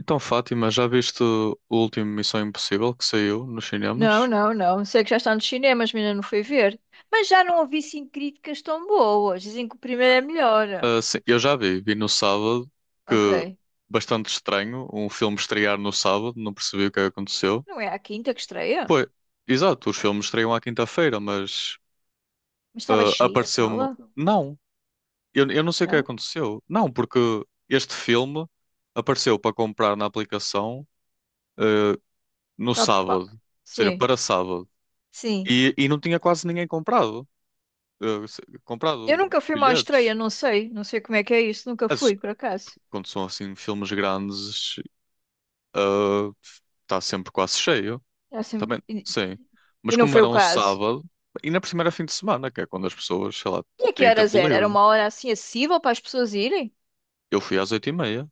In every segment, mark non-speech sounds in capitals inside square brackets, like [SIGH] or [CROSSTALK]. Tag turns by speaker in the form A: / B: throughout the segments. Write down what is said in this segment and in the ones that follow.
A: Então, Fátima, já viste o último Missão Impossível que saiu nos
B: Não,
A: cinemas?
B: não, não. Sei que já está nos cinemas, mas ainda não fui ver. Mas já não ouvi sim críticas tão boas. Dizem que o primeiro é melhor.
A: Ah, sim, eu já vi no sábado, que
B: Ok.
A: bastante estranho, um filme estrear no sábado, não percebi o que é que aconteceu.
B: Não é a quinta que estreia?
A: Pois, exato, os filmes estreiam à quinta-feira, mas
B: Mas estava cheia a
A: apareceu-me.
B: sala?
A: Não, eu não sei o que é que
B: Não?
A: aconteceu. Não, porque este filme apareceu para comprar na aplicação ah, no
B: Cap- qua-
A: sábado, ou seja,
B: Sim,
A: para sábado,
B: sim.
A: e não tinha quase ninguém comprado.
B: Eu
A: Comprado
B: nunca fui a uma estreia,
A: bilhetes.
B: não sei. Não sei como é que é isso. Nunca
A: Mas
B: fui, por acaso.
A: quando são assim filmes grandes, eh, está sempre quase cheio.
B: É assim-
A: Também,
B: E
A: sim.
B: e
A: Mas
B: não
A: como
B: foi
A: era
B: o
A: um
B: caso.
A: sábado, e na primeira fim de semana, que é quando as pessoas, sei lá,
B: E a que
A: têm
B: horas
A: tempo
B: era? Era
A: livre, né?
B: uma hora assim acessível para as pessoas irem?
A: Eu fui às 8h30,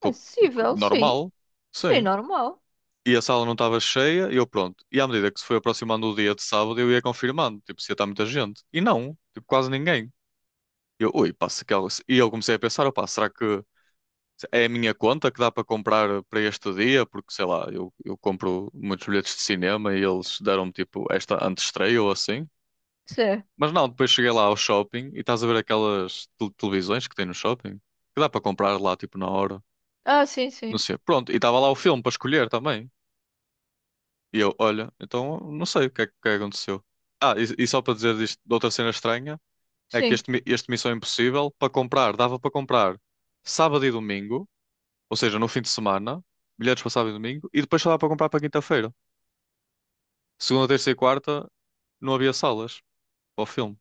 A: co-
B: Acessível, sim.
A: normal,
B: Sim,
A: sim.
B: normal.
A: E a sala não estava cheia, e eu pronto. E à medida que se foi aproximando o dia de sábado, eu ia confirmando, tipo, se ia estar muita gente. E não, tipo, quase ninguém. E eu, ui, passa que algo. E eu comecei a pensar, opá, será que é a minha conta que dá para comprar para este dia, porque sei lá, eu compro muitos bilhetes de cinema e eles deram-me tipo esta antestreia ou assim.
B: Sim.
A: Mas não, depois cheguei lá ao shopping e estás a ver aquelas televisões que tem no shopping, que dá para comprar lá tipo na hora,
B: Ah, sim,
A: não
B: sim.
A: sei. Pronto, e estava lá o filme para escolher também. E eu, olha, então não sei o que é que aconteceu. Ah, e só para dizer disto, de outra cena estranha, é que
B: Sim.
A: este Missão Impossível, para comprar, dava para comprar sábado e domingo. Ou seja, no fim de semana, bilhetes para sábado e domingo, e depois só dá para comprar para quinta-feira. Segunda, terça e quarta não havia salas para o filme.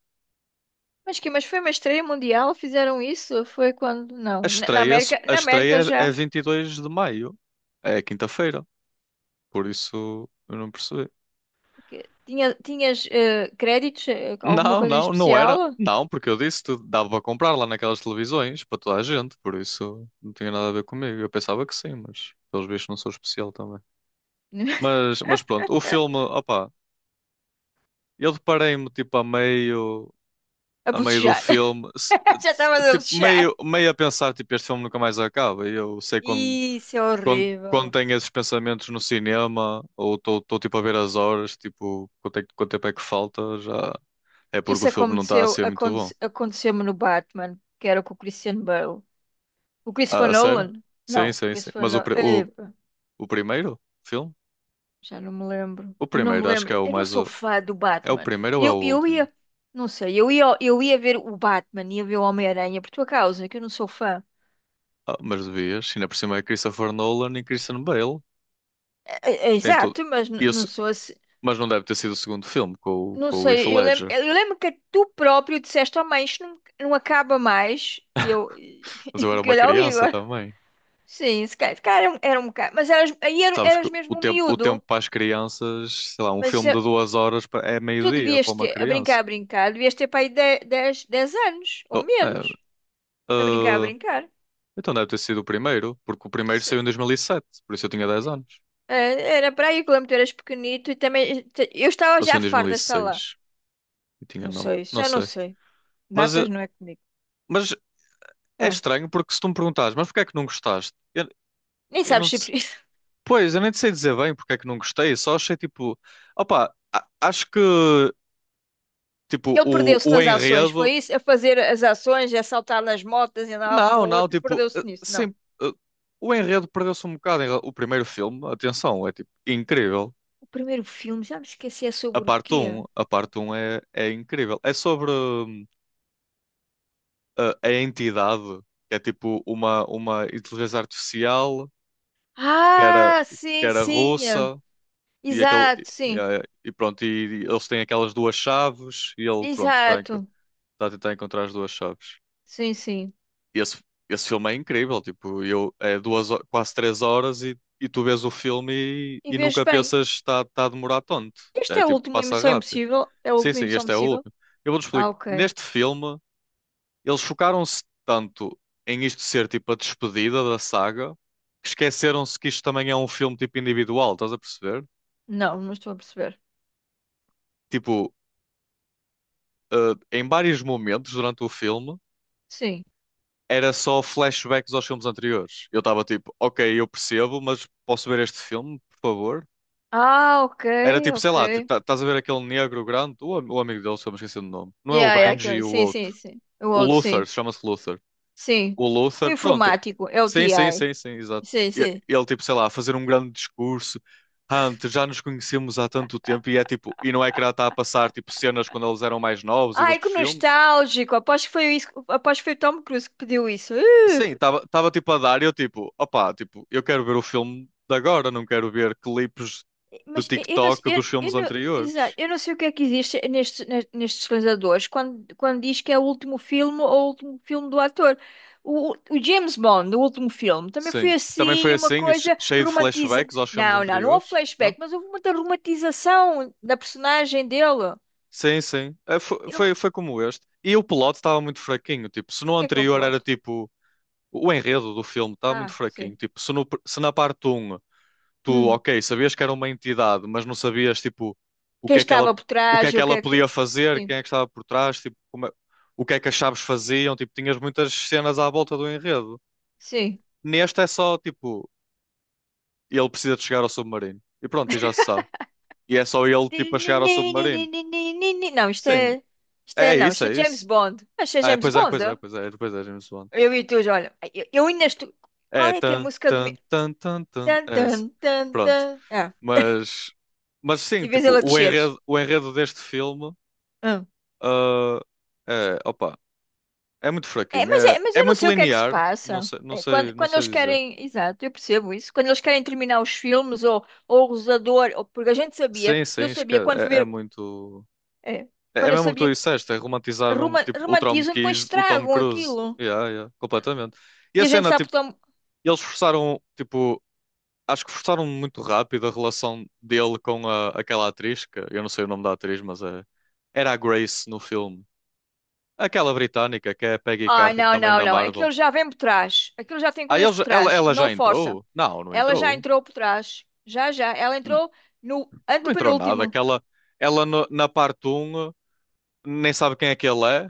B: Mas foi uma estreia mundial? Fizeram isso? Foi quando?
A: A
B: Não. Na na
A: estreia,
B: América,
A: a
B: na América
A: estreia é
B: já.
A: 22 de maio, é quinta-feira, por isso eu não percebi.
B: Tinhas créditos? Alguma
A: Não,
B: coisa em
A: não, não era.
B: especial?
A: Não, porque eu disse que dava para comprar lá naquelas televisões para toda a gente, por isso não tinha nada a ver comigo. Eu pensava que sim, mas pelos vistos não sou especial também.
B: [LAUGHS]
A: Mas pronto, o filme, opá, eu deparei-me tipo a meio.
B: A
A: a meio do
B: bocejar.
A: filme,
B: [LAUGHS] Já estavas a
A: tipo,
B: bocejar.
A: meio a pensar, tipo, este filme nunca mais acaba. E eu sei quando,
B: Isso é
A: quando, quando
B: horrível.
A: tenho esses pensamentos no cinema, ou estou tipo a ver as horas, tipo, quanto, é que- quanto tempo é que falta, já é porque o
B: Isso
A: filme não está a
B: aconteceu,
A: ser muito bom.
B: aconte, aconteceu-me no Batman, que era com o Christian Bale. O
A: Ah,
B: Christopher
A: a sério?
B: Nolan?
A: Sim,
B: Não.
A: sim, sim.
B: Christopher
A: Mas o,
B: Nolan.
A: pri- o, o primeiro filme?
B: Já não me lembro.
A: O
B: Eu não me
A: primeiro, acho que
B: lembro.
A: é o
B: Eu não
A: mais.
B: sou fã do
A: É o
B: Batman.
A: primeiro ou é o
B: Eu
A: último?
B: ia, não sei, eu ia ver o Batman, ia ver o Homem-Aranha por tua causa, que eu não sou fã.
A: Ah, mas devias, ainda por cima é Christopher Nolan e Christian Bale.
B: É-
A: Tem tudo.
B: Exato, mas não
A: Isso,
B: sou assim.
A: mas não deve ter sido o segundo filme com,
B: Não
A: com o Heath
B: sei, eu lembro,
A: Ledger.
B: eu lembro que tu próprio disseste: "Oh, mãe, isto não, não acaba mais." E eu, [LAUGHS] e
A: Mas
B: eu
A: eu era
B: fiquei
A: uma
B: olhar o
A: criança
B: Igor.
A: também.
B: Sim, se calhar era um bocado. Mas eras, aí era-
A: Sabes que
B: eras
A: o
B: mesmo um
A: tempo, o tempo
B: miúdo.
A: para as crianças, sei lá, um
B: Mas
A: filme de 2 horas é
B: tu
A: meio-dia
B: devias
A: para uma
B: ter,
A: criança.
B: a brincar, devias ter para aí dez anos ou
A: Oh, é,
B: menos, a brincar, a
A: ah,
B: brincar.
A: então deve ter sido o primeiro, porque o primeiro saiu
B: Se-
A: em 2007, por isso eu tinha 10 anos.
B: É, era para aí que o Lampião era pequenito e também. Eu estava
A: Ou saiu
B: já
A: em
B: farta de estar
A: 2006 e
B: lá.
A: seis e tinha
B: Não
A: 9
B: sei,
A: não
B: já não
A: sei.
B: sei.
A: Mas,
B: Datas
A: eh,
B: não é comigo.
A: mas é
B: Ah,
A: estranho porque se tu me perguntares, mas porquê é que não gostaste? Eu,
B: nem
A: eu
B: sabes
A: não
B: se.
A: te,
B: [LAUGHS]
A: pois, eu nem te sei dizer bem porque é que não gostei, só achei tipo, opa, acho que tipo
B: Ele
A: o,
B: perdeu-se
A: o
B: nas ações,
A: enredo.
B: foi isso? A fazer as ações, a saltar nas motas e andar lá para o
A: Não, não,
B: outro,
A: tipo,
B: perdeu-se nisso. Não.
A: sim, eh, o enredo perdeu-se um bocado. O primeiro filme, atenção, é tipo incrível.
B: O primeiro filme, já me esqueci, é
A: A
B: sobre o
A: parte
B: quê?
A: um a parte um é incrível. É sobre a entidade, que é tipo uma inteligência artificial que era,
B: Ah,
A: que
B: sim,
A: era
B: sim. É.
A: russa e, aquele,
B: Exato,
A: e,
B: sim.
A: eh, e pronto, e, eles têm aquelas duas chaves e ele, pronto,
B: Exato.
A: está a tentar encontrar as duas chaves.
B: Sim, sim.
A: esse, esse filme é incrível, tipo, eu, quase 3 horas e tu vês o filme e,
B: E
A: e
B: vejo
A: nunca
B: bem.
A: pensas está tá a demorar tanto.
B: Este
A: É
B: é o
A: tipo,
B: último
A: passa
B: Missão
A: rápido.
B: Impossível? É a
A: Sim,
B: última
A: sim,
B: Missão
A: este é o
B: Impossível?
A: último. Eu vou-te
B: Ah,
A: explicar.
B: ok.
A: Neste filme, eles focaram-se tanto em isto ser tipo a despedida da saga, que esqueceram-se que isto também é um filme tipo individual, estás a perceber?
B: Não, não estou a perceber.
A: Tipo, em vários momentos durante o filme,
B: Sim.
A: era só flashbacks aos filmes anteriores. Eu estava tipo, ok, eu percebo, mas posso ver este filme, por favor?
B: Ah, ok,
A: Era tipo, sei lá, tipo,
B: ok.
A: estás a ver aquele negro grande, o, o amigo dele, se eu me esqueci do nome. Não é o
B: Yeah, yeah, aquilo,
A: Benji,
B: ali.
A: o
B: Sim,
A: outro.
B: sim, sim. O
A: O
B: outro,
A: Luther,
B: sim.
A: chama-se Luther.
B: Sim.
A: O
B: O
A: Luther, pronto.
B: informático é o
A: Sim, sim,
B: TI.
A: sim, sim, exato.
B: Sim, sim.
A: Ele, tipo, sei lá, a fazer um grande discurso. Hunter, já nos conhecemos há tanto tempo e é tipo, e não é que era tá a passar tipo cenas quando eles eram mais novos e de
B: Ai,
A: outros
B: que
A: filmes?
B: nostálgico. Aposto que foi isso, aposto que foi o Tom Cruise que pediu isso.
A: Sim, estava tipo a dar e eu tipo, opá, tipo, eu quero ver o filme de agora, não quero ver clipes de
B: Mas eu não, sei-
A: TikTok
B: eu,
A: dos filmes
B: eu não, exato,
A: anteriores.
B: eu não sei o que é que existe nestes realizadores quando diz que é o último filme ou o último filme do ator. O James Bond, o último filme, também foi
A: Sim. Também foi
B: assim, uma
A: assim,
B: coisa
A: cheio de
B: romantiza.
A: flashbacks aos filmes
B: Não, não, não houve
A: anteriores, não?
B: flashback, mas houve muita romantização da personagem dele.
A: Sim, sim. Eh, fo-
B: O
A: Foi, foi, como este. E o plot estava muito fraquinho. Tipo, se no
B: que é o
A: anterior era
B: plot?
A: tipo. O enredo do filme estava muito
B: Ah,
A: fraquinho.
B: sim.
A: Tipo, se, se na parte um tu,
B: Hum.
A: ok, sabias que era uma entidade, mas não sabias, tipo, o que
B: Quem
A: é que ela,
B: estava por
A: o que é
B: trás,
A: que
B: o que
A: ela
B: é que.
A: podia fazer,
B: Sim,
A: quem é que estava por trás, tipo, o que é que as chaves faziam. Tipo, tinhas muitas cenas à volta do enredo.
B: sim.
A: Neste é só, tipo, ele precisa de chegar ao submarino. E pronto, e já se sabe. E é só ele, tipo, a chegar ao submarino.
B: Não, isto
A: Sim,
B: é. Isto é,
A: é
B: não,
A: isso,
B: isto é
A: é
B: James
A: isso.
B: Bond. Mas isto é
A: Ah, é,
B: James
A: pois é,
B: Bond?
A: pois é, pois é, depois é James Bond.
B: Eu e tu, olha. Eu ainda estou. Qual
A: É,
B: é que é a
A: tan,
B: música do.
A: tan,
B: mi-
A: tan, tan, tan,
B: Tan,
A: é essa.
B: tan, tan,
A: Pronto,
B: tan. Ah,
A: mas, mas sim,
B: e vês
A: tipo,
B: ela
A: o
B: descer.
A: enredo, o enredo deste filme,
B: Ah.
A: ah, é, opa, é muito
B: É,
A: fraquinho,
B: mas,
A: é,
B: é, mas
A: é
B: eu não
A: muito
B: sei o que é que se
A: linear, não
B: passa.
A: sei, não
B: É, quando,
A: sei, não
B: quando
A: sei
B: eles
A: dizer.
B: querem. Exato, eu percebo isso. Quando eles querem terminar os filmes ou o Rosador, ou, porque a gente sabia,
A: Sim, sim,
B: eu sabia quando fui
A: é
B: ver.
A: muito.
B: É,
A: É
B: quando eu
A: mesmo o que tu
B: sabia.
A: disseste, é romantizar mesmo,
B: Roma,
A: tipo, o Tom
B: romantizam, depois
A: Cruise, o Tom
B: estragam
A: Cruise.
B: aquilo.
A: Yeah, yeah, completamente. E
B: E
A: a
B: a gente
A: cena,
B: sabe.
A: tipo. E eles forçaram, tipo, acho que forçaram muito rápido a relação dele com aquela atriz, que eu não sei o nome da atriz, mas era a Grace no filme. Aquela britânica que é a Peggy
B: Ai,
A: Carter,
B: não,
A: também
B: não,
A: da
B: não.
A: Marvel.
B: Aquilo já vem por trás. Aquilo já tem
A: Ah,
B: coisas
A: eles,
B: por
A: ela,
B: trás.
A: ela
B: Não
A: já
B: força.
A: entrou? Não, não
B: Ela já
A: entrou.
B: entrou por trás. Já, já. Ela
A: N-
B: entrou no
A: Não entrou nada.
B: antepenúltimo.
A: Ela na parte um nem sabe quem é que ele é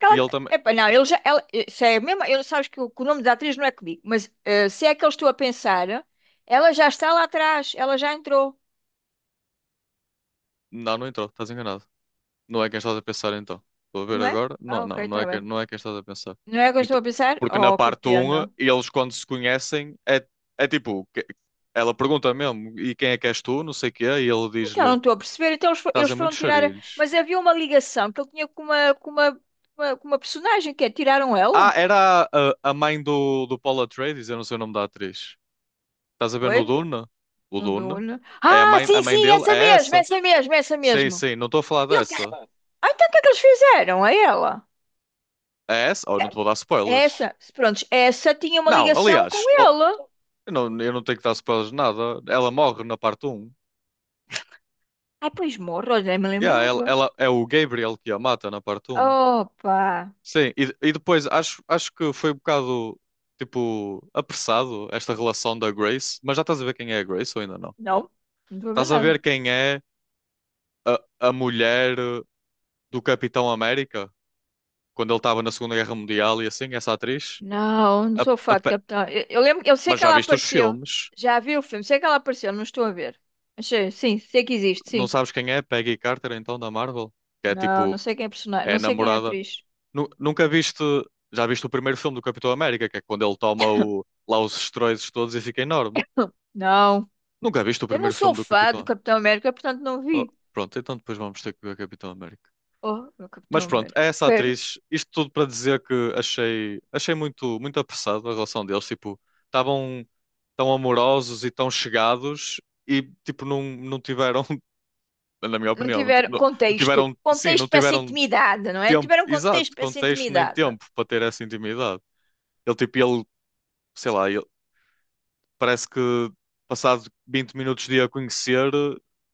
B: Porque
A: e
B: ela...
A: ele também.
B: Epá, não, ele já. Ela... Isso é mesmo. Sabes que que o nome da atriz não é comigo, mas se é que eu estou a pensar, ela já está lá atrás. Ela já entrou,
A: Não, não entrou, estás enganado. Não é quem estás a pensar então. Estou a ver
B: não é?
A: agora. Não,
B: Ah,
A: não,
B: ok,
A: não
B: está
A: é quem,
B: bem.
A: não é quem estás a pensar.
B: Não é que eu
A: Ent-
B: estou a pensar?
A: Porque na
B: Oh, que
A: parte 1,
B: pena.
A: eles quando se conhecem, é tipo, ela pergunta mesmo, e quem é que és tu? Não sei o quê, e ele
B: Então,
A: diz-lhe,
B: não estou a perceber. Então, eles, fo-
A: estás
B: eles
A: em
B: foram
A: muitos
B: tirar.
A: charilhos.
B: Mas havia uma ligação que ele tinha com uma personagem que é, tiraram
A: Ah,
B: ela.
A: era a mãe do, do Paul Atreides, eu não sei o nome da atriz. Estás a ver
B: Ué?
A: no Duna? O
B: No
A: Duna?
B: Duna.
A: É
B: Ah,
A: a
B: sim,
A: mãe
B: sim,
A: dele?
B: essa
A: É
B: mesmo,
A: essa?
B: essa mesmo, essa
A: Sim,
B: mesmo.
A: sim, não estou a falar
B: E ele...
A: dessa.
B: Ah, então o que é que eles fizeram a ela?
A: É essa? Oh, não te vou dar spoilers.
B: Essa, pronto, essa tinha uma
A: Não,
B: ligação com
A: aliás, eu
B: ela.
A: não, eu não tenho que dar spoilers de nada. Ela morre na parte 1.
B: Ah, pois morro, já me
A: Yeah,
B: lembrava.
A: é o Gabriel que a mata na parte um.
B: Opa!
A: Sim, e depois acho que foi um bocado tipo apressado esta relação da Grace, mas já estás a ver quem é a Grace ou ainda não?
B: Não, não estou a ver
A: Estás a
B: nada.
A: ver quem é a, a mulher do Capitão América quando ele estava na Segunda Guerra Mundial e assim, essa atriz?
B: Não, não
A: A-
B: sou
A: a
B: fã de
A: Pe-
B: Capitão. Eu lembro, eu sei
A: mas
B: que
A: já
B: ela
A: viste os
B: apareceu.
A: filmes?
B: Já vi o filme, sei que ela apareceu, não estou a ver. Mas sei, sim, sei que existe,
A: Não
B: sim.
A: sabes quem é? Peggy Carter então da Marvel? Que é
B: Não,
A: tipo,
B: não sei quem é personagem,
A: é
B: não
A: a
B: sei quem é a
A: namorada.
B: atriz.
A: Nunca viste. Já viste o primeiro filme do Capitão América, que é quando ele toma lá os esteroides todos e fica enorme.
B: Não,
A: Nunca viste o
B: eu não
A: primeiro
B: sou
A: filme do
B: fã do
A: Capitão.
B: Capitão América, portanto não
A: Oh,
B: vi.
A: pronto, então depois vamos ter que ver Capitão América.
B: Oh, meu
A: Mas
B: Capitão
A: pronto, é
B: América.
A: essa
B: Quero.
A: atriz. Isto tudo para dizer que achei muito, muito apressado a relação deles. Tipo, estavam tão amorosos e tão chegados e tipo, não, não tiveram, [LAUGHS] na minha
B: Não
A: opinião, não, ti-
B: tiveram
A: não- não
B: contexto.
A: tiveram, sim, não
B: Contexto para essa
A: tiveram
B: intimidade, não é? Não
A: tempo,
B: tiveram
A: exato,
B: contexto para essa
A: contexto nem
B: intimidade.
A: tempo para ter essa intimidade. Ele tipo, ele sei lá, ele, parece que passado 20 minutos de a conhecer,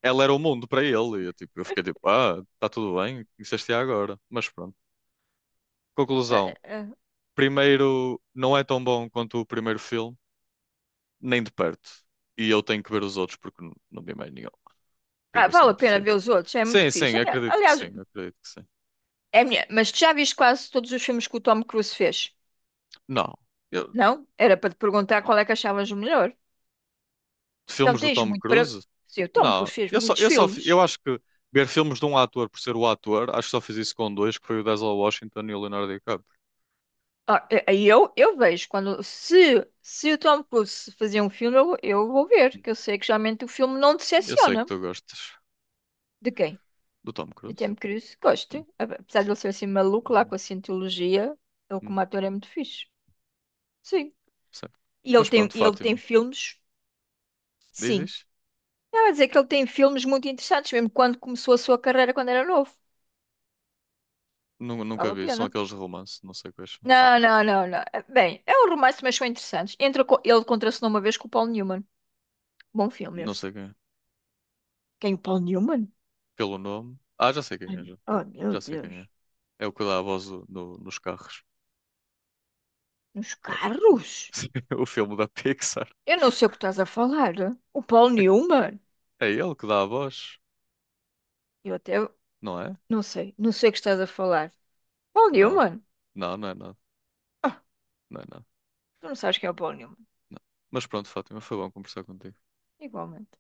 A: ela era o mundo para ele. E eu, tipo, eu fiquei tipo, ah, está tudo bem, conheceste-a agora. Mas pronto.
B: Ah,
A: Conclusão.
B: ah, ah.
A: Primeiro, não é tão bom quanto o primeiro filme, nem de perto. E eu tenho que ver os outros porque não vi mais nenhum.
B: Ah,
A: Transmissão
B: vale a pena
A: impossível.
B: ver os outros, é muito
A: Sim,
B: fixe.
A: sim,
B: Ali-
A: acredito que
B: Aliás,
A: sim, acredito que sim.
B: é minha, mas tu já viste quase todos os filmes que o Tom Cruise fez?
A: Não. Eu-
B: Não? Era para te perguntar qual é que achavas o melhor. Então
A: Filmes do
B: tens
A: Tom
B: muito para.
A: Cruise?
B: Sim, o Tom
A: Não.
B: Cruise fez
A: Eu só,
B: muitos
A: eu só, fi- eu
B: filmes.
A: acho que ver filmes de um ator por ser o ator, acho que só fiz isso com dois, que foi o Denzel Washington e o Leonardo DiCaprio.
B: Ah, eu vejo quando se o Tom Cruise fazia um filme, eu vou ver, que eu sei que geralmente o filme não
A: Eu sei que
B: decepciona.
A: tu gostas
B: De quem?
A: do Tom
B: De
A: Cruise.
B: Tom Cruise,
A: Sim.
B: gosto. Apesar de ele ser assim maluco lá
A: Uhum.
B: com a cientologia, ele
A: Hum,
B: como ator é muito fixe. Sim.
A: certo.
B: E ele
A: Mas
B: tem,
A: pronto,
B: e ele tem
A: Fátima.
B: filmes,
A: Diz,
B: sim.
A: diz.
B: Eu ia dizer que ele tem filmes muito interessantes, mesmo quando começou a sua carreira quando era novo.
A: Nunca
B: Vale a
A: vi. São
B: pena.
A: aqueles de romance. Não sei quais são.
B: Não, não, não, não. Bem, é um romance, mas são interessantes. Ele contracenou uma vez com o Paul Newman. Bom filme
A: Não
B: esse.
A: sei quem é.
B: Quem, o Paul Newman?
A: Pelo nome. Ah, já sei quem
B: Ai,
A: é. Já,
B: oh, meu
A: já sei quem
B: Deus.
A: é. É o que dá a voz nos carros.
B: Nos
A: É.
B: carros?
A: [LAUGHS] O filme da Pixar.
B: Eu não sei o que estás a falar. O Paul
A: É que-
B: Newman?
A: é ele que dá a voz.
B: Eu até
A: Não é?
B: não sei. Não sei o que estás a falar. Paul
A: Não.
B: Newman?
A: Não, não é nada.
B: Ah,
A: Não é nada.
B: tu não sabes quem é o Paul Newman.
A: Não. Mas pronto, Fátima. Foi bom conversar contigo.
B: Igualmente.